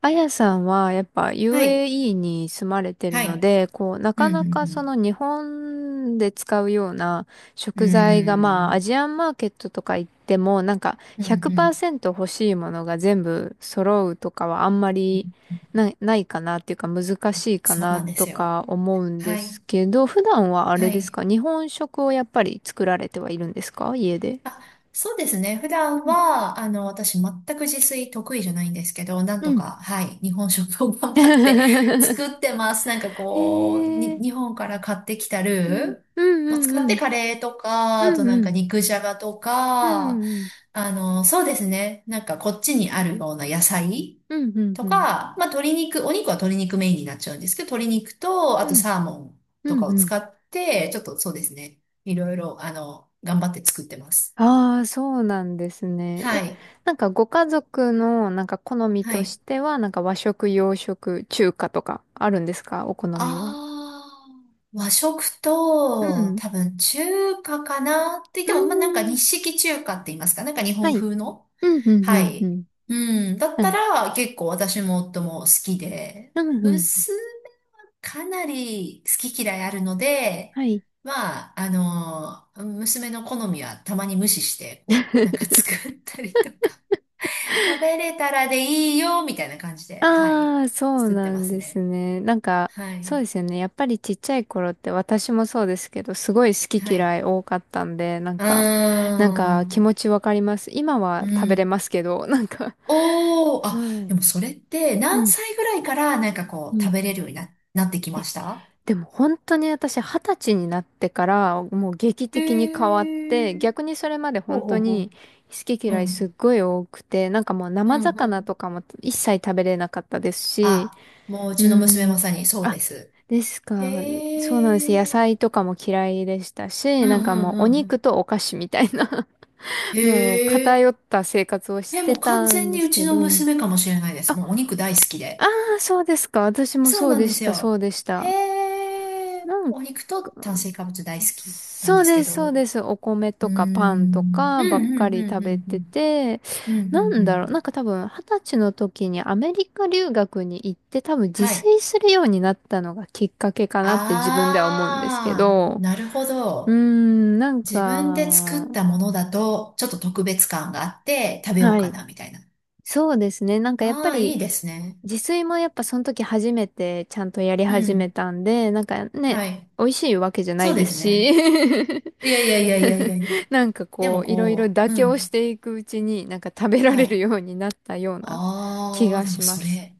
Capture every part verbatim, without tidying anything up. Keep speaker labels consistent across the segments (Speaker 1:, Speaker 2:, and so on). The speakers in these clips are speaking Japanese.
Speaker 1: あやさんはやっぱ
Speaker 2: はい。
Speaker 1: ユーエーイー に住まれてる
Speaker 2: は
Speaker 1: の
Speaker 2: い。
Speaker 1: で、こう、な
Speaker 2: う
Speaker 1: かなかそ
Speaker 2: ん、
Speaker 1: の日本で使うような
Speaker 2: うん、
Speaker 1: 食
Speaker 2: うん。う
Speaker 1: 材が、
Speaker 2: ー
Speaker 1: まあア
Speaker 2: ん。
Speaker 1: ジアンマーケットとか行ってもなんか
Speaker 2: うん、うん。
Speaker 1: ひゃくパーセント欲しいものが全部揃うとかはあんまりな、ないかなっていうか難しいか
Speaker 2: そう
Speaker 1: な
Speaker 2: なんで
Speaker 1: と
Speaker 2: すよ。
Speaker 1: か思うん
Speaker 2: は
Speaker 1: で
Speaker 2: い。
Speaker 1: すけど、普段はあ
Speaker 2: は
Speaker 1: れです
Speaker 2: い。
Speaker 1: か、日本食をやっぱり作られてはいるんですか、家で。
Speaker 2: あ、そうですね。普段は、あの、私、全く自炊得意じゃないんですけど、なん
Speaker 1: うん。
Speaker 2: と
Speaker 1: う
Speaker 2: か、
Speaker 1: ん。
Speaker 2: はい。日本食を頑張って 作ってます。なんか
Speaker 1: へ
Speaker 2: こう、に、
Speaker 1: え。
Speaker 2: 日本から買ってきた
Speaker 1: うん。
Speaker 2: ル
Speaker 1: うん
Speaker 2: ーを
Speaker 1: う
Speaker 2: 使っ
Speaker 1: んう
Speaker 2: て
Speaker 1: ん
Speaker 2: カレーとか、あ
Speaker 1: うん
Speaker 2: となん
Speaker 1: う
Speaker 2: か
Speaker 1: ん。
Speaker 2: 肉じゃがと
Speaker 1: う
Speaker 2: か、
Speaker 1: んうん。
Speaker 2: あの、そうですね。なんかこっちにあるような野菜。
Speaker 1: うんうん
Speaker 2: と
Speaker 1: うん。
Speaker 2: か、まあ、鶏肉、お肉は鶏肉メインになっちゃうんですけど、鶏肉と、
Speaker 1: う
Speaker 2: あと
Speaker 1: ん
Speaker 2: サーモン
Speaker 1: う
Speaker 2: とか
Speaker 1: ん
Speaker 2: を
Speaker 1: うん。
Speaker 2: 使って、ちょっとそうですね。いろいろ、あの、頑張って作ってます。
Speaker 1: ああ、そうなんですね。え、
Speaker 2: はい。
Speaker 1: なんかご家族のなんか好み
Speaker 2: は
Speaker 1: とし
Speaker 2: い。
Speaker 1: ては、なんか和食、洋食、中華とかあるんですか、お好みは。
Speaker 2: あー、和食
Speaker 1: う
Speaker 2: と、
Speaker 1: ん。
Speaker 2: 多分中華かなって言っ
Speaker 1: う
Speaker 2: て
Speaker 1: ん。
Speaker 2: も、まあ、なんか日式中華って言いますか、なんか日
Speaker 1: は
Speaker 2: 本
Speaker 1: い。
Speaker 2: 風の。
Speaker 1: うんうんう
Speaker 2: は
Speaker 1: んう
Speaker 2: い。
Speaker 1: ん。
Speaker 2: うん。だっ
Speaker 1: う
Speaker 2: た
Speaker 1: ん。
Speaker 2: ら、結構私も夫も好きで、
Speaker 1: うんうん。
Speaker 2: 娘かなり好き嫌いあるので、
Speaker 1: はい。
Speaker 2: まあ、あの、娘の好みはたまに無視して、こう、なんか作ったりとか、食べれたらでいいよ、みたいな感じで、はい、
Speaker 1: ああ、そう
Speaker 2: 作って
Speaker 1: な
Speaker 2: ま
Speaker 1: ん
Speaker 2: す
Speaker 1: です
Speaker 2: ね。
Speaker 1: ね。なんか、
Speaker 2: は
Speaker 1: そう
Speaker 2: い、
Speaker 1: ですよね。やっぱりちっちゃい頃って私もそうですけど、すごい好き
Speaker 2: はい。
Speaker 1: 嫌い多かったんで、なん
Speaker 2: あ
Speaker 1: か、なんか気持ちわかります。今は
Speaker 2: ー、う
Speaker 1: 食べれ
Speaker 2: ん。
Speaker 1: ますけど、なんか。
Speaker 2: おー、あ、
Speaker 1: は
Speaker 2: で
Speaker 1: い。
Speaker 2: もそれって
Speaker 1: う
Speaker 2: 何
Speaker 1: ん。
Speaker 2: 歳ぐらいからなんか
Speaker 1: う
Speaker 2: こう、食
Speaker 1: ん。
Speaker 2: べれるようにな、なってきました
Speaker 1: でも本当に私、二十歳になってからもう劇
Speaker 2: へ
Speaker 1: 的に変わっ
Speaker 2: ー、
Speaker 1: て、逆にそれまで
Speaker 2: ほう
Speaker 1: 本
Speaker 2: ほ
Speaker 1: 当
Speaker 2: う
Speaker 1: に
Speaker 2: ほ
Speaker 1: 好き
Speaker 2: う。う
Speaker 1: 嫌いすっ
Speaker 2: ん、
Speaker 1: ごい多くて、なんかもう
Speaker 2: う
Speaker 1: 生
Speaker 2: ん、う
Speaker 1: 魚と
Speaker 2: ん、
Speaker 1: かも一切食べれなかったですし、
Speaker 2: あ、もうう
Speaker 1: う
Speaker 2: ちの娘ま
Speaker 1: ん。
Speaker 2: さにそう
Speaker 1: あ、
Speaker 2: です。
Speaker 1: ですか。
Speaker 2: へ
Speaker 1: そうなんです。野菜
Speaker 2: え。
Speaker 1: とかも嫌いでした
Speaker 2: う
Speaker 1: し、
Speaker 2: んう
Speaker 1: なんか
Speaker 2: ん
Speaker 1: も
Speaker 2: う
Speaker 1: うお
Speaker 2: んう
Speaker 1: 肉
Speaker 2: ん。
Speaker 1: とお菓子みたいな もう
Speaker 2: へえ。
Speaker 1: 偏った生活をし
Speaker 2: え、
Speaker 1: て
Speaker 2: もう完
Speaker 1: たん
Speaker 2: 全
Speaker 1: で
Speaker 2: に
Speaker 1: す
Speaker 2: う
Speaker 1: け
Speaker 2: ちの
Speaker 1: ど。
Speaker 2: 娘かもしれないです。
Speaker 1: あ、
Speaker 2: もうお肉大好き
Speaker 1: あ
Speaker 2: で。
Speaker 1: あ、そうですか。私も
Speaker 2: そう
Speaker 1: そう
Speaker 2: なん
Speaker 1: で
Speaker 2: で
Speaker 1: し
Speaker 2: す
Speaker 1: た、そう
Speaker 2: よ。
Speaker 1: でした。
Speaker 2: へえ。
Speaker 1: なんか
Speaker 2: お肉と炭水化物大好きなん
Speaker 1: そ
Speaker 2: で
Speaker 1: う
Speaker 2: す
Speaker 1: で
Speaker 2: け
Speaker 1: す、そう
Speaker 2: ど。
Speaker 1: です。お米
Speaker 2: うー
Speaker 1: と
Speaker 2: ん。う
Speaker 1: かパンと
Speaker 2: ん
Speaker 1: かばっか
Speaker 2: うん
Speaker 1: り
Speaker 2: う
Speaker 1: 食
Speaker 2: んう
Speaker 1: べ
Speaker 2: ん
Speaker 1: てて、
Speaker 2: うん。うんう
Speaker 1: な
Speaker 2: ん
Speaker 1: ん
Speaker 2: う
Speaker 1: だろう、なん
Speaker 2: ん。
Speaker 1: か多分二十歳の時にアメリカ留学に行って、多分自
Speaker 2: は
Speaker 1: 炊
Speaker 2: い。
Speaker 1: するようになったのがきっかけかなって自分では思うんですけ
Speaker 2: ああ、
Speaker 1: ど、
Speaker 2: なるほ
Speaker 1: うー
Speaker 2: ど。
Speaker 1: ん、なん
Speaker 2: 自分で
Speaker 1: か、
Speaker 2: 作ったものだと、ちょっと特別感があって食べよう
Speaker 1: は
Speaker 2: か
Speaker 1: い。
Speaker 2: な、みたいな。
Speaker 1: そうですね。なんかやっぱ
Speaker 2: ああ、い
Speaker 1: り、
Speaker 2: いですね。
Speaker 1: 自炊もやっぱその時初めてちゃんとやり
Speaker 2: う
Speaker 1: 始め
Speaker 2: ん。
Speaker 1: たんで、なんかね、
Speaker 2: はい。
Speaker 1: 美味しいわけじゃな
Speaker 2: そ
Speaker 1: い
Speaker 2: う
Speaker 1: で
Speaker 2: で
Speaker 1: す
Speaker 2: すね。
Speaker 1: し
Speaker 2: いやいやいや いやいやいや。
Speaker 1: なんか
Speaker 2: でも
Speaker 1: こう、いろいろ
Speaker 2: こ
Speaker 1: 妥
Speaker 2: う、う
Speaker 1: 協
Speaker 2: ん。
Speaker 1: していくうちに、なんか食べら
Speaker 2: は
Speaker 1: れる
Speaker 2: い。
Speaker 1: ようになったような気
Speaker 2: ああ、
Speaker 1: が
Speaker 2: で
Speaker 1: し
Speaker 2: も
Speaker 1: ま
Speaker 2: そ
Speaker 1: す。
Speaker 2: れ、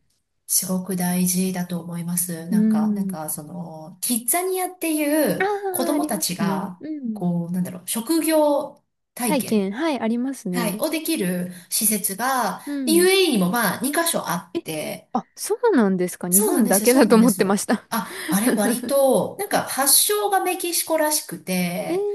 Speaker 2: すごく大事だと思います。
Speaker 1: う
Speaker 2: なんか、なん
Speaker 1: ん。
Speaker 2: か、その、キッザニアってい
Speaker 1: あ
Speaker 2: う子
Speaker 1: あ、あ
Speaker 2: 供
Speaker 1: り
Speaker 2: た
Speaker 1: ま
Speaker 2: ち
Speaker 1: すね。
Speaker 2: が、
Speaker 1: うん。
Speaker 2: こう、なんだろう、職業体
Speaker 1: 体
Speaker 2: 験、
Speaker 1: 験、はい、あります
Speaker 2: はい、
Speaker 1: ね。
Speaker 2: をできる施設が、
Speaker 1: うん。
Speaker 2: ユーエーイー にもまあ、に箇所あっ
Speaker 1: え、
Speaker 2: て、
Speaker 1: あ、そうなんですか。日
Speaker 2: そうなん
Speaker 1: 本
Speaker 2: で
Speaker 1: だ
Speaker 2: すよ、
Speaker 1: け
Speaker 2: そ
Speaker 1: だ
Speaker 2: う
Speaker 1: と
Speaker 2: なん
Speaker 1: 思
Speaker 2: で
Speaker 1: っ
Speaker 2: す
Speaker 1: てま
Speaker 2: よ。
Speaker 1: した。
Speaker 2: あ、あれ割 と、なんか発祥がメキシコらしく
Speaker 1: えー、
Speaker 2: て、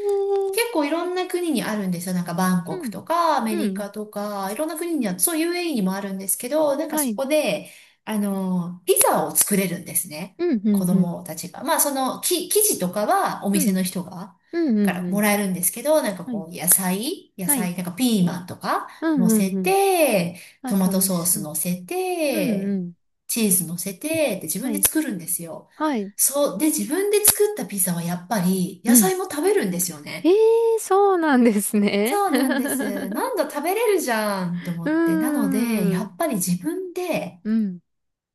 Speaker 2: 結構いろんな国にあるんですよ。なんかバンコ
Speaker 1: う
Speaker 2: ク
Speaker 1: ん、
Speaker 2: とかアメ
Speaker 1: う
Speaker 2: リ
Speaker 1: ん、
Speaker 2: カとか、いろんな国には、そう ユーエーイー にもあるんですけど、なんか
Speaker 1: は
Speaker 2: そ
Speaker 1: い、
Speaker 2: こで、あの、ピザを作れるんですね。
Speaker 1: うん、う
Speaker 2: 子
Speaker 1: ん、うん、
Speaker 2: 供たちが。まあその、き、生地とかはお
Speaker 1: う
Speaker 2: 店の
Speaker 1: ん、
Speaker 2: 人が、
Speaker 1: うん、
Speaker 2: か
Speaker 1: うん、
Speaker 2: ら
Speaker 1: う
Speaker 2: も
Speaker 1: ん、
Speaker 2: らえるんですけど、なんか
Speaker 1: はい、
Speaker 2: こう、野菜、野
Speaker 1: はい、
Speaker 2: 菜、なんかピーマンとか
Speaker 1: うん、
Speaker 2: 乗
Speaker 1: う
Speaker 2: せ
Speaker 1: ん、うん、
Speaker 2: て、
Speaker 1: あ、
Speaker 2: トマト
Speaker 1: 楽し
Speaker 2: ソー
Speaker 1: そ
Speaker 2: ス乗
Speaker 1: う。
Speaker 2: せ
Speaker 1: う
Speaker 2: て、
Speaker 1: ん、うん、
Speaker 2: チーズ乗せて、で自
Speaker 1: は
Speaker 2: 分で
Speaker 1: い、
Speaker 2: 作るんですよ。
Speaker 1: はい、
Speaker 2: そう。で、自分で作ったピザはやっぱり
Speaker 1: う
Speaker 2: 野
Speaker 1: ん。
Speaker 2: 菜も食べるんですよ
Speaker 1: ええ
Speaker 2: ね。
Speaker 1: ーそうなんですね。
Speaker 2: そうなんです。何度食べれるじゃんって思
Speaker 1: う
Speaker 2: って。な
Speaker 1: ー
Speaker 2: ので、や
Speaker 1: ん。
Speaker 2: っぱり自分で
Speaker 1: うん。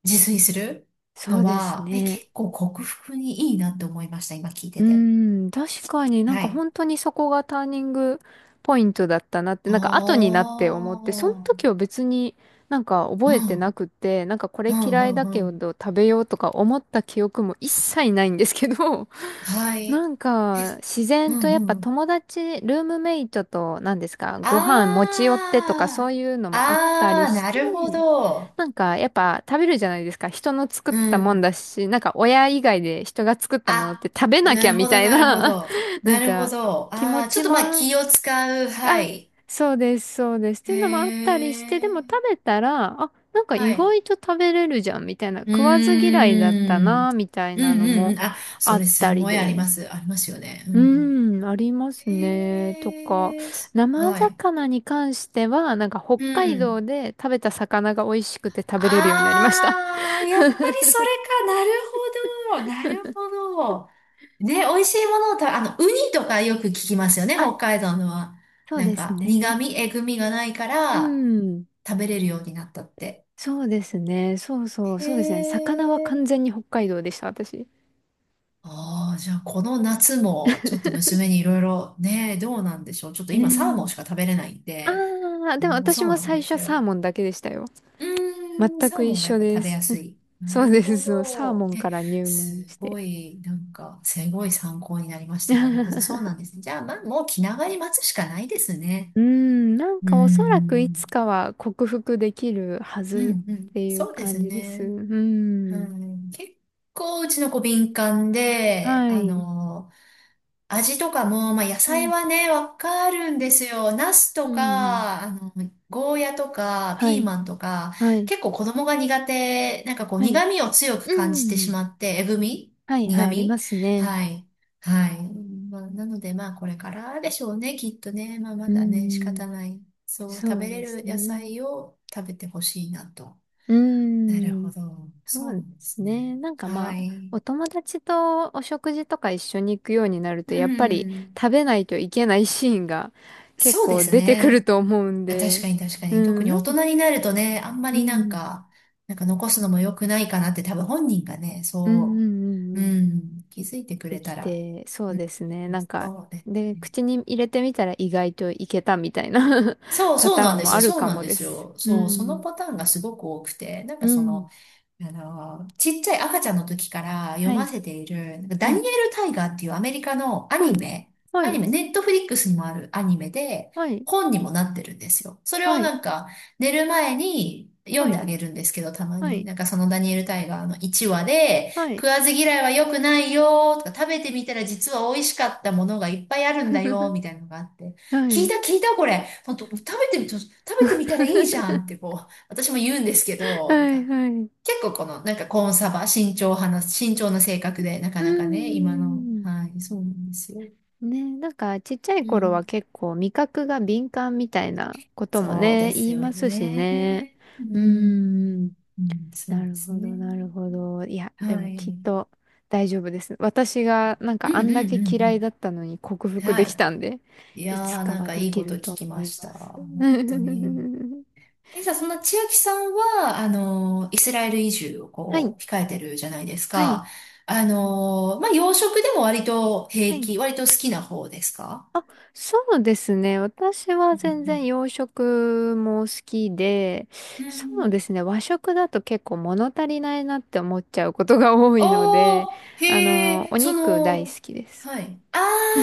Speaker 2: 自炊する
Speaker 1: そ
Speaker 2: の
Speaker 1: うです
Speaker 2: は、え、
Speaker 1: ね。
Speaker 2: 結構克服にいいなって思いました。今聞い
Speaker 1: う
Speaker 2: てて。
Speaker 1: ーん。確かになん
Speaker 2: は
Speaker 1: か
Speaker 2: い。
Speaker 1: 本当にそこがターニングポイントだったなって、
Speaker 2: あ
Speaker 1: なんか後になって思って、その
Speaker 2: あ。
Speaker 1: 時は別になんか
Speaker 2: う
Speaker 1: 覚えてな
Speaker 2: ん。
Speaker 1: くて、なんかこ
Speaker 2: う
Speaker 1: れ嫌い
Speaker 2: ん
Speaker 1: だ
Speaker 2: う
Speaker 1: け
Speaker 2: んう
Speaker 1: ど
Speaker 2: ん。
Speaker 1: 食べようとか思った記憶も一切ないんですけど、
Speaker 2: は
Speaker 1: な
Speaker 2: い。
Speaker 1: ん
Speaker 2: え、
Speaker 1: か自
Speaker 2: う
Speaker 1: 然とやっ
Speaker 2: ん
Speaker 1: ぱ
Speaker 2: うん。
Speaker 1: 友達、ルームメイトと何ですか、ご飯持ち寄ってとかそう
Speaker 2: ああ。
Speaker 1: いうのもあった
Speaker 2: あ
Speaker 1: り
Speaker 2: あ、
Speaker 1: し
Speaker 2: な
Speaker 1: て、
Speaker 2: るほど。
Speaker 1: なんか、やっぱ食べるじゃないですか。人の作っ
Speaker 2: う
Speaker 1: たもん
Speaker 2: ん。
Speaker 1: だし、なんか親以外で人が作ったものって
Speaker 2: あ、
Speaker 1: 食べな
Speaker 2: な
Speaker 1: きゃ
Speaker 2: る
Speaker 1: み
Speaker 2: ほど、
Speaker 1: たい
Speaker 2: なるほ
Speaker 1: な
Speaker 2: ど。
Speaker 1: な
Speaker 2: な
Speaker 1: ん
Speaker 2: るほ
Speaker 1: か、
Speaker 2: ど。
Speaker 1: 気持
Speaker 2: ああ、ちょ
Speaker 1: ち
Speaker 2: っとまあ
Speaker 1: も、
Speaker 2: 気を使う。は
Speaker 1: あ、
Speaker 2: い。
Speaker 1: そうです、そうです。って
Speaker 2: へ
Speaker 1: いうのもあったりして、で
Speaker 2: え、
Speaker 1: も食べたら、あ、なんか
Speaker 2: は
Speaker 1: 意
Speaker 2: い。
Speaker 1: 外と食べれるじゃん、みたいな。
Speaker 2: うー
Speaker 1: 食わず嫌いだった
Speaker 2: ん。
Speaker 1: な、みたい
Speaker 2: うん
Speaker 1: なの
Speaker 2: うんう
Speaker 1: も
Speaker 2: ん。あ、
Speaker 1: あ
Speaker 2: そ
Speaker 1: っ
Speaker 2: れす
Speaker 1: たり
Speaker 2: ごいあり
Speaker 1: で。
Speaker 2: ます。ありますよね。う
Speaker 1: う
Speaker 2: ん。
Speaker 1: ーん、ありますね。とか、
Speaker 2: へえ、
Speaker 1: 生
Speaker 2: はい。
Speaker 1: 魚に関しては、なんか北
Speaker 2: う
Speaker 1: 海道
Speaker 2: ん。
Speaker 1: で食べた魚が美味しくて食べれるようになりました。
Speaker 2: ああ、やっぱりそれか。なるほど。なるほど。ね、美味しいものを食べ、あの、ウニとかよく聞きますよね、
Speaker 1: あ、
Speaker 2: 北海道のは。
Speaker 1: そう
Speaker 2: なん
Speaker 1: です
Speaker 2: か、
Speaker 1: ね。
Speaker 2: 苦味、えぐみがないか
Speaker 1: う
Speaker 2: ら、
Speaker 1: ん。
Speaker 2: 食べれるようになったって。
Speaker 1: そうですね。そうそう、
Speaker 2: へ
Speaker 1: そうですね。魚は完
Speaker 2: え。
Speaker 1: 全に北海道でした、私。
Speaker 2: ああ、じゃあこの夏もちょっと 娘にいろいろね、どうなんでしょう。ちょっと
Speaker 1: ね
Speaker 2: 今サーモ
Speaker 1: え。
Speaker 2: ンしか食べれないん
Speaker 1: あ
Speaker 2: で、
Speaker 1: あ、
Speaker 2: あ
Speaker 1: でも
Speaker 2: の、
Speaker 1: 私
Speaker 2: そう
Speaker 1: も
Speaker 2: なん
Speaker 1: 最
Speaker 2: で
Speaker 1: 初
Speaker 2: す
Speaker 1: サー
Speaker 2: よ。
Speaker 1: モンだけでしたよ。
Speaker 2: うーん、
Speaker 1: 全
Speaker 2: サ
Speaker 1: く
Speaker 2: ーモ
Speaker 1: 一
Speaker 2: ンがやっ
Speaker 1: 緒
Speaker 2: ぱ
Speaker 1: で
Speaker 2: 食べ
Speaker 1: す。
Speaker 2: やす い。な
Speaker 1: そう
Speaker 2: る
Speaker 1: です、
Speaker 2: ほ
Speaker 1: そう。サーモ
Speaker 2: ど。
Speaker 1: ン
Speaker 2: え、
Speaker 1: から入門
Speaker 2: す
Speaker 1: して。
Speaker 2: ごい、なんか、すごい参考になりました。なるほど、そうな んですね。じゃあ、まあ、もう気長に待つしかないですね。
Speaker 1: うん、なん
Speaker 2: うー
Speaker 1: かおそらくいつ
Speaker 2: ん、
Speaker 1: かは克服できるは
Speaker 2: う
Speaker 1: ず
Speaker 2: ん、う
Speaker 1: っ
Speaker 2: ん、
Speaker 1: ていう
Speaker 2: そうで
Speaker 1: 感
Speaker 2: す
Speaker 1: じです。う
Speaker 2: ね。う
Speaker 1: ん。
Speaker 2: ん、結構うちの子敏感で、
Speaker 1: は
Speaker 2: あ
Speaker 1: い。
Speaker 2: の、味とかも、まあ、野
Speaker 1: う
Speaker 2: 菜
Speaker 1: ん。
Speaker 2: はね、わかるんですよ。ナス
Speaker 1: う
Speaker 2: と
Speaker 1: ん。
Speaker 2: か、あの、ゴーヤとか、
Speaker 1: は
Speaker 2: ピー
Speaker 1: い。
Speaker 2: マンとか、
Speaker 1: はい。
Speaker 2: 結構子供が苦手、なんかこう、
Speaker 1: はい。
Speaker 2: 苦味を強く
Speaker 1: う
Speaker 2: 感じてし
Speaker 1: ん。
Speaker 2: まって、えぐみ
Speaker 1: はい、はい、
Speaker 2: 苦
Speaker 1: ありま
Speaker 2: 味
Speaker 1: すね。
Speaker 2: はい。はい。まあ、なので、まあ、これからでしょうね、きっとね。まあ、
Speaker 1: う
Speaker 2: ま
Speaker 1: ー
Speaker 2: だね、仕
Speaker 1: ん、
Speaker 2: 方ない。そう、食
Speaker 1: そう
Speaker 2: べれ
Speaker 1: です
Speaker 2: る野
Speaker 1: ね。
Speaker 2: 菜を食べてほしいなと。
Speaker 1: うー
Speaker 2: なるほ
Speaker 1: ん、
Speaker 2: ど。そ
Speaker 1: そ
Speaker 2: う
Speaker 1: う
Speaker 2: な
Speaker 1: で
Speaker 2: んで
Speaker 1: す
Speaker 2: す
Speaker 1: ね。
Speaker 2: ね。
Speaker 1: なんか
Speaker 2: は
Speaker 1: まあ、
Speaker 2: い。
Speaker 1: お友達とお食事とか一緒に行くようになると、
Speaker 2: う
Speaker 1: やっぱり
Speaker 2: ん。
Speaker 1: 食べないといけないシーンが 結
Speaker 2: そうで
Speaker 1: 構
Speaker 2: す
Speaker 1: 出てくる
Speaker 2: ね。
Speaker 1: と思うん
Speaker 2: あ確
Speaker 1: で、
Speaker 2: かに確か
Speaker 1: う
Speaker 2: に。特
Speaker 1: ん、
Speaker 2: に
Speaker 1: な
Speaker 2: 大
Speaker 1: んか、
Speaker 2: 人になるとね、あんま
Speaker 1: う
Speaker 2: りなん
Speaker 1: ん、
Speaker 2: か、なんか残すのも良くないかなって多分本人がね、
Speaker 1: うん、う
Speaker 2: そ
Speaker 1: ん、う
Speaker 2: う、
Speaker 1: んうん、
Speaker 2: うん、気づいてく
Speaker 1: で
Speaker 2: れ
Speaker 1: き
Speaker 2: たら、
Speaker 1: て、そう
Speaker 2: う
Speaker 1: で
Speaker 2: ん、
Speaker 1: すね。なんか、
Speaker 2: そうね。
Speaker 1: で、口に入れてみたら意外といけたみたいな
Speaker 2: そ う、
Speaker 1: パ
Speaker 2: そう
Speaker 1: タ
Speaker 2: な
Speaker 1: ー
Speaker 2: ん
Speaker 1: ン
Speaker 2: で
Speaker 1: も
Speaker 2: す
Speaker 1: あ
Speaker 2: よ。
Speaker 1: る
Speaker 2: そう
Speaker 1: か
Speaker 2: なん
Speaker 1: も
Speaker 2: で
Speaker 1: で
Speaker 2: す
Speaker 1: す。
Speaker 2: よ。
Speaker 1: う
Speaker 2: そう、その
Speaker 1: ん、
Speaker 2: パターンがすごく多くて、なん
Speaker 1: う
Speaker 2: かそ
Speaker 1: ん、
Speaker 2: の、あの、ちっちゃい赤ちゃんの時から読
Speaker 1: は
Speaker 2: ま
Speaker 1: い、
Speaker 2: せている、なんか
Speaker 1: は
Speaker 2: ダニエ
Speaker 1: い、
Speaker 2: ル・タイガーっていうアメリカのア
Speaker 1: うん、
Speaker 2: ニメ、
Speaker 1: は
Speaker 2: アニ
Speaker 1: い、
Speaker 2: メ、ネットフリックスにもあるアニメで、
Speaker 1: はい。
Speaker 2: 本にもなってるんですよ。それ
Speaker 1: は
Speaker 2: を
Speaker 1: い。
Speaker 2: なんか、寝る前に読
Speaker 1: は
Speaker 2: んで
Speaker 1: い。
Speaker 2: あげるんですけど、たま
Speaker 1: は
Speaker 2: に。
Speaker 1: い。
Speaker 2: なんかそのダニエル・タイガーのいちわで、
Speaker 1: は
Speaker 2: 食
Speaker 1: い。
Speaker 2: わず嫌いは良くないよ、とか、食べてみたら実は美味しかったものがいっぱいあるんだよ、みたいなのがあって。
Speaker 1: は
Speaker 2: 聞い
Speaker 1: い。
Speaker 2: た聞いたこれ。ほんと食べてみ、ちょ食べてみたらいいじゃんって こう、私も言うんですけ
Speaker 1: は
Speaker 2: ど、なん
Speaker 1: い。
Speaker 2: か
Speaker 1: はい。
Speaker 2: 結構この、なんかコーンサバ、慎重派な、慎重な性格で、な
Speaker 1: う
Speaker 2: か
Speaker 1: ー
Speaker 2: なかね、今の、
Speaker 1: ん。
Speaker 2: はい、そうなんですよ。
Speaker 1: ね、なんかちっちゃい
Speaker 2: う
Speaker 1: 頃は
Speaker 2: ん。
Speaker 1: 結構味覚が敏感みたいなことも
Speaker 2: そう
Speaker 1: ね、
Speaker 2: で
Speaker 1: 言
Speaker 2: す
Speaker 1: い
Speaker 2: よ
Speaker 1: ますしね。
Speaker 2: ね。う
Speaker 1: うーん。
Speaker 2: ん。うん、そう
Speaker 1: な
Speaker 2: で
Speaker 1: る
Speaker 2: す
Speaker 1: ほど、
Speaker 2: ね。
Speaker 1: なるほど。いや、で
Speaker 2: は
Speaker 1: も
Speaker 2: い。
Speaker 1: き
Speaker 2: う
Speaker 1: っ
Speaker 2: ん
Speaker 1: と大丈夫です。私がなん
Speaker 2: う
Speaker 1: かあ
Speaker 2: んう
Speaker 1: んだけ
Speaker 2: ん
Speaker 1: 嫌いだったのに克
Speaker 2: うん。
Speaker 1: 服
Speaker 2: は
Speaker 1: でき
Speaker 2: い。
Speaker 1: たんで、
Speaker 2: いや
Speaker 1: い
Speaker 2: ー、
Speaker 1: つか
Speaker 2: なん
Speaker 1: は
Speaker 2: か
Speaker 1: で
Speaker 2: いい
Speaker 1: き
Speaker 2: こと
Speaker 1: る
Speaker 2: 聞
Speaker 1: と
Speaker 2: き
Speaker 1: 思
Speaker 2: ま
Speaker 1: い
Speaker 2: した。
Speaker 1: ます。
Speaker 2: 本当 に。え、じゃあ、そんな千秋さんは、あの、イスラエル移住を
Speaker 1: はい。
Speaker 2: こう、控えてるじゃないです
Speaker 1: はい。
Speaker 2: か。あの、まあ、洋食でも割と
Speaker 1: は
Speaker 2: 平
Speaker 1: い。
Speaker 2: 気、割と好きな方ですか？
Speaker 1: あ、そうですね。私は
Speaker 2: う
Speaker 1: 全然
Speaker 2: ん
Speaker 1: 洋食も好きで、
Speaker 2: うん。う
Speaker 1: そう
Speaker 2: ん
Speaker 1: ですね。和食だと結構物足りないなって思っちゃうことが多いので、
Speaker 2: おー、へ
Speaker 1: あの、
Speaker 2: え、
Speaker 1: お
Speaker 2: そ
Speaker 1: 肉大好
Speaker 2: の、
Speaker 1: きです。
Speaker 2: はい。あ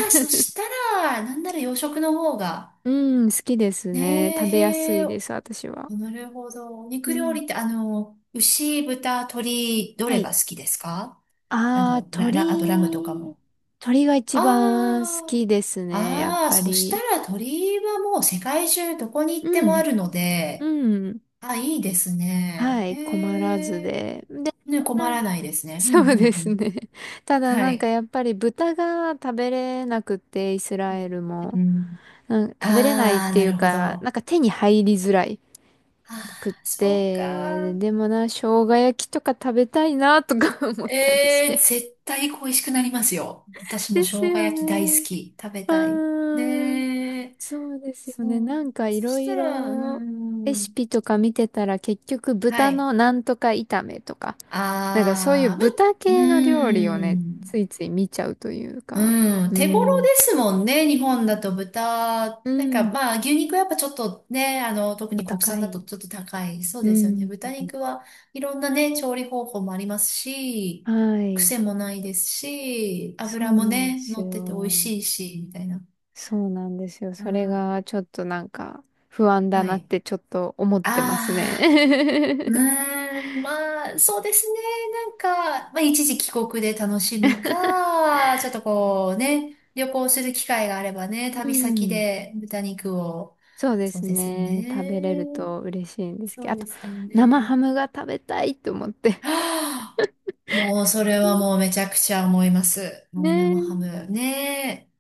Speaker 2: ー、そしたら、なんなら洋食の方が。
Speaker 1: うん、好きです
Speaker 2: ね
Speaker 1: ね。食べやす
Speaker 2: え、へえ、
Speaker 1: いです、私は。
Speaker 2: なるほど。お
Speaker 1: う
Speaker 2: 肉料
Speaker 1: ん。
Speaker 2: 理って、あの、牛、豚、鶏、ど
Speaker 1: は
Speaker 2: れ
Speaker 1: い。
Speaker 2: が好きですか？あ
Speaker 1: あー、
Speaker 2: の、ラ、ラ、あとラムとか
Speaker 1: 鳥、
Speaker 2: も。
Speaker 1: 鳥が一
Speaker 2: あ
Speaker 1: 番好
Speaker 2: ー
Speaker 1: きですね、やっ
Speaker 2: ああ、
Speaker 1: ぱ
Speaker 2: そした
Speaker 1: り。
Speaker 2: ら鳥居はもう世界中どこに行って
Speaker 1: う
Speaker 2: もあ
Speaker 1: ん、
Speaker 2: るので、
Speaker 1: うん。
Speaker 2: あ、いいですね。
Speaker 1: はい、困らず
Speaker 2: へえ。
Speaker 1: で。で、
Speaker 2: ね、困らないです ね。うん、
Speaker 1: そ
Speaker 2: うん、
Speaker 1: う
Speaker 2: う
Speaker 1: です
Speaker 2: ん。
Speaker 1: ね。ただ
Speaker 2: は
Speaker 1: なんか
Speaker 2: い。
Speaker 1: やっぱり豚が食べれなくて、イスラエ
Speaker 2: ね
Speaker 1: ル
Speaker 2: う
Speaker 1: も。
Speaker 2: ん。
Speaker 1: なん食べれないっ
Speaker 2: ああ、
Speaker 1: てい
Speaker 2: な
Speaker 1: う
Speaker 2: るほど。
Speaker 1: か、なん
Speaker 2: あ
Speaker 1: か手に入りづらいくっ
Speaker 2: あ、そう
Speaker 1: て、
Speaker 2: か。
Speaker 1: でもな、生姜焼きとか食べたいなとか 思ったりし
Speaker 2: ええ、
Speaker 1: て。
Speaker 2: 絶対恋しくなりますよ。私も
Speaker 1: です
Speaker 2: 生姜
Speaker 1: よ
Speaker 2: 焼き大好
Speaker 1: ね。
Speaker 2: き。食べ
Speaker 1: う
Speaker 2: たい。
Speaker 1: ーん。
Speaker 2: ねえ。
Speaker 1: そうですよ
Speaker 2: そ
Speaker 1: ね。
Speaker 2: う。
Speaker 1: なんかい
Speaker 2: そ
Speaker 1: ろ
Speaker 2: し
Speaker 1: い
Speaker 2: たら、うー
Speaker 1: ろレシ
Speaker 2: ん。
Speaker 1: ピとか見てたら結局
Speaker 2: は
Speaker 1: 豚
Speaker 2: い。
Speaker 1: のなんとか炒めとか、なんかそういう
Speaker 2: ああ、
Speaker 1: 豚
Speaker 2: ま、う
Speaker 1: 系の料理を
Speaker 2: ー
Speaker 1: ね、つ
Speaker 2: ん。
Speaker 1: いつい見ちゃうというか。
Speaker 2: うん、
Speaker 1: う
Speaker 2: 手頃
Speaker 1: ん。
Speaker 2: ですもんね、日本だと豚。
Speaker 1: う
Speaker 2: なんか
Speaker 1: ん。
Speaker 2: まあ牛肉はやっぱちょっとね、あの、特
Speaker 1: お
Speaker 2: に国
Speaker 1: 高
Speaker 2: 産だと
Speaker 1: い。
Speaker 2: ちょっと高い。そう
Speaker 1: う
Speaker 2: ですよね。
Speaker 1: ん。
Speaker 2: 豚肉はいろんなね、調理方法もありますし、
Speaker 1: はい。
Speaker 2: 癖もないですし、
Speaker 1: そ
Speaker 2: 油
Speaker 1: う
Speaker 2: も
Speaker 1: なんで
Speaker 2: ね、
Speaker 1: す
Speaker 2: 乗ってて美味
Speaker 1: よ。
Speaker 2: しいし、みたいな。
Speaker 1: そうなんですよ。
Speaker 2: う
Speaker 1: それが
Speaker 2: ん
Speaker 1: ちょっとなんか不安だ
Speaker 2: は
Speaker 1: なっ
Speaker 2: い。
Speaker 1: てちょっと思ってます
Speaker 2: ああ。う
Speaker 1: ね。
Speaker 2: ーん、まあ、そうですね。なんか、まあ、一時帰国で楽しむか、ちょっとこうね、旅行する機会があればね、
Speaker 1: う
Speaker 2: 旅先
Speaker 1: ん。
Speaker 2: で豚肉を。
Speaker 1: そうで
Speaker 2: そ
Speaker 1: す
Speaker 2: うですよ
Speaker 1: ね。食べれる
Speaker 2: ね。
Speaker 1: と嬉しいんですけ
Speaker 2: そ
Speaker 1: ど。
Speaker 2: う
Speaker 1: あと、
Speaker 2: ですよ
Speaker 1: 生
Speaker 2: ね。
Speaker 1: ハムが食べたいと思って。
Speaker 2: はあ、もうそれはもうめちゃくちゃ思います。
Speaker 1: ね
Speaker 2: もう生ハ
Speaker 1: え。
Speaker 2: ム。ね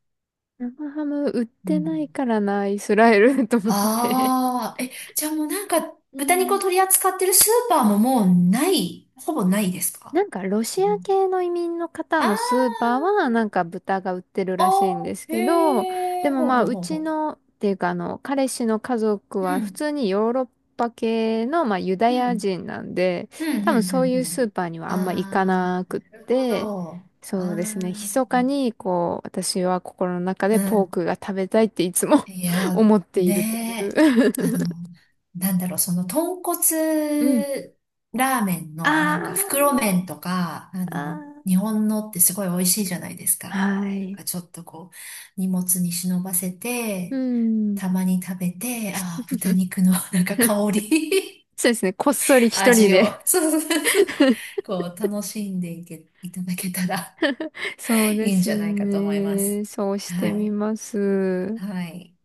Speaker 1: 生ハム売っ
Speaker 2: え。う
Speaker 1: てない
Speaker 2: ん。
Speaker 1: からな、イスラエル と思って。
Speaker 2: ああ、え、じゃあもうなんか、
Speaker 1: う
Speaker 2: 豚肉を
Speaker 1: ん。
Speaker 2: 取り扱ってるスーパーももうない、ほぼないですか？
Speaker 1: なんかロ
Speaker 2: そ
Speaker 1: シア
Speaker 2: の
Speaker 1: 系の移民の方
Speaker 2: あ
Speaker 1: のスーパー
Speaker 2: あ、
Speaker 1: はなんか豚が売ってるらしいん
Speaker 2: あ、
Speaker 1: です
Speaker 2: へ
Speaker 1: けど、で
Speaker 2: え、
Speaker 1: も
Speaker 2: ほう
Speaker 1: まあ
Speaker 2: ほう
Speaker 1: う
Speaker 2: ほう
Speaker 1: ち
Speaker 2: ほ
Speaker 1: のっていうか、あの、彼氏の家族
Speaker 2: う。う
Speaker 1: は普
Speaker 2: ん、
Speaker 1: 通にヨーロッパ系のまあユダ
Speaker 2: う
Speaker 1: ヤ
Speaker 2: ん、
Speaker 1: 人なんで、
Speaker 2: うん、う
Speaker 1: 多分
Speaker 2: ん、う
Speaker 1: そうい
Speaker 2: ん、う
Speaker 1: うスー
Speaker 2: ん。
Speaker 1: パーにはあんま行か
Speaker 2: あ
Speaker 1: な
Speaker 2: あ、
Speaker 1: くっ
Speaker 2: なるほ
Speaker 1: て、
Speaker 2: ど。あ
Speaker 1: そうですね、
Speaker 2: あ、
Speaker 1: 密かにこう私は心の中
Speaker 2: う
Speaker 1: でポー
Speaker 2: ん。
Speaker 1: クが食べたいっていつも
Speaker 2: い や、
Speaker 1: 思っているという
Speaker 2: ねえ、あの、なんだろう、その豚
Speaker 1: うん。
Speaker 2: 骨ラーメン
Speaker 1: あ
Speaker 2: のなんか
Speaker 1: ー
Speaker 2: 袋麺とか、あ
Speaker 1: あ
Speaker 2: の、
Speaker 1: ー。
Speaker 2: 日本のってすごい美味しいじゃないですか。
Speaker 1: は
Speaker 2: なん
Speaker 1: い。
Speaker 2: かちょっとこう、荷物に忍ばせ
Speaker 1: う
Speaker 2: て、
Speaker 1: ん。
Speaker 2: たまに食べて、ああ、豚肉のなんか香り
Speaker 1: そうですね。こっそり一人
Speaker 2: 味を、
Speaker 1: で
Speaker 2: そうそうそうそう、こう、楽しんでいけ、いただけたら
Speaker 1: そうで
Speaker 2: いいん
Speaker 1: す
Speaker 2: じゃないかと思います。
Speaker 1: ね。そうし
Speaker 2: は
Speaker 1: てみ
Speaker 2: い。
Speaker 1: ます。
Speaker 2: はい。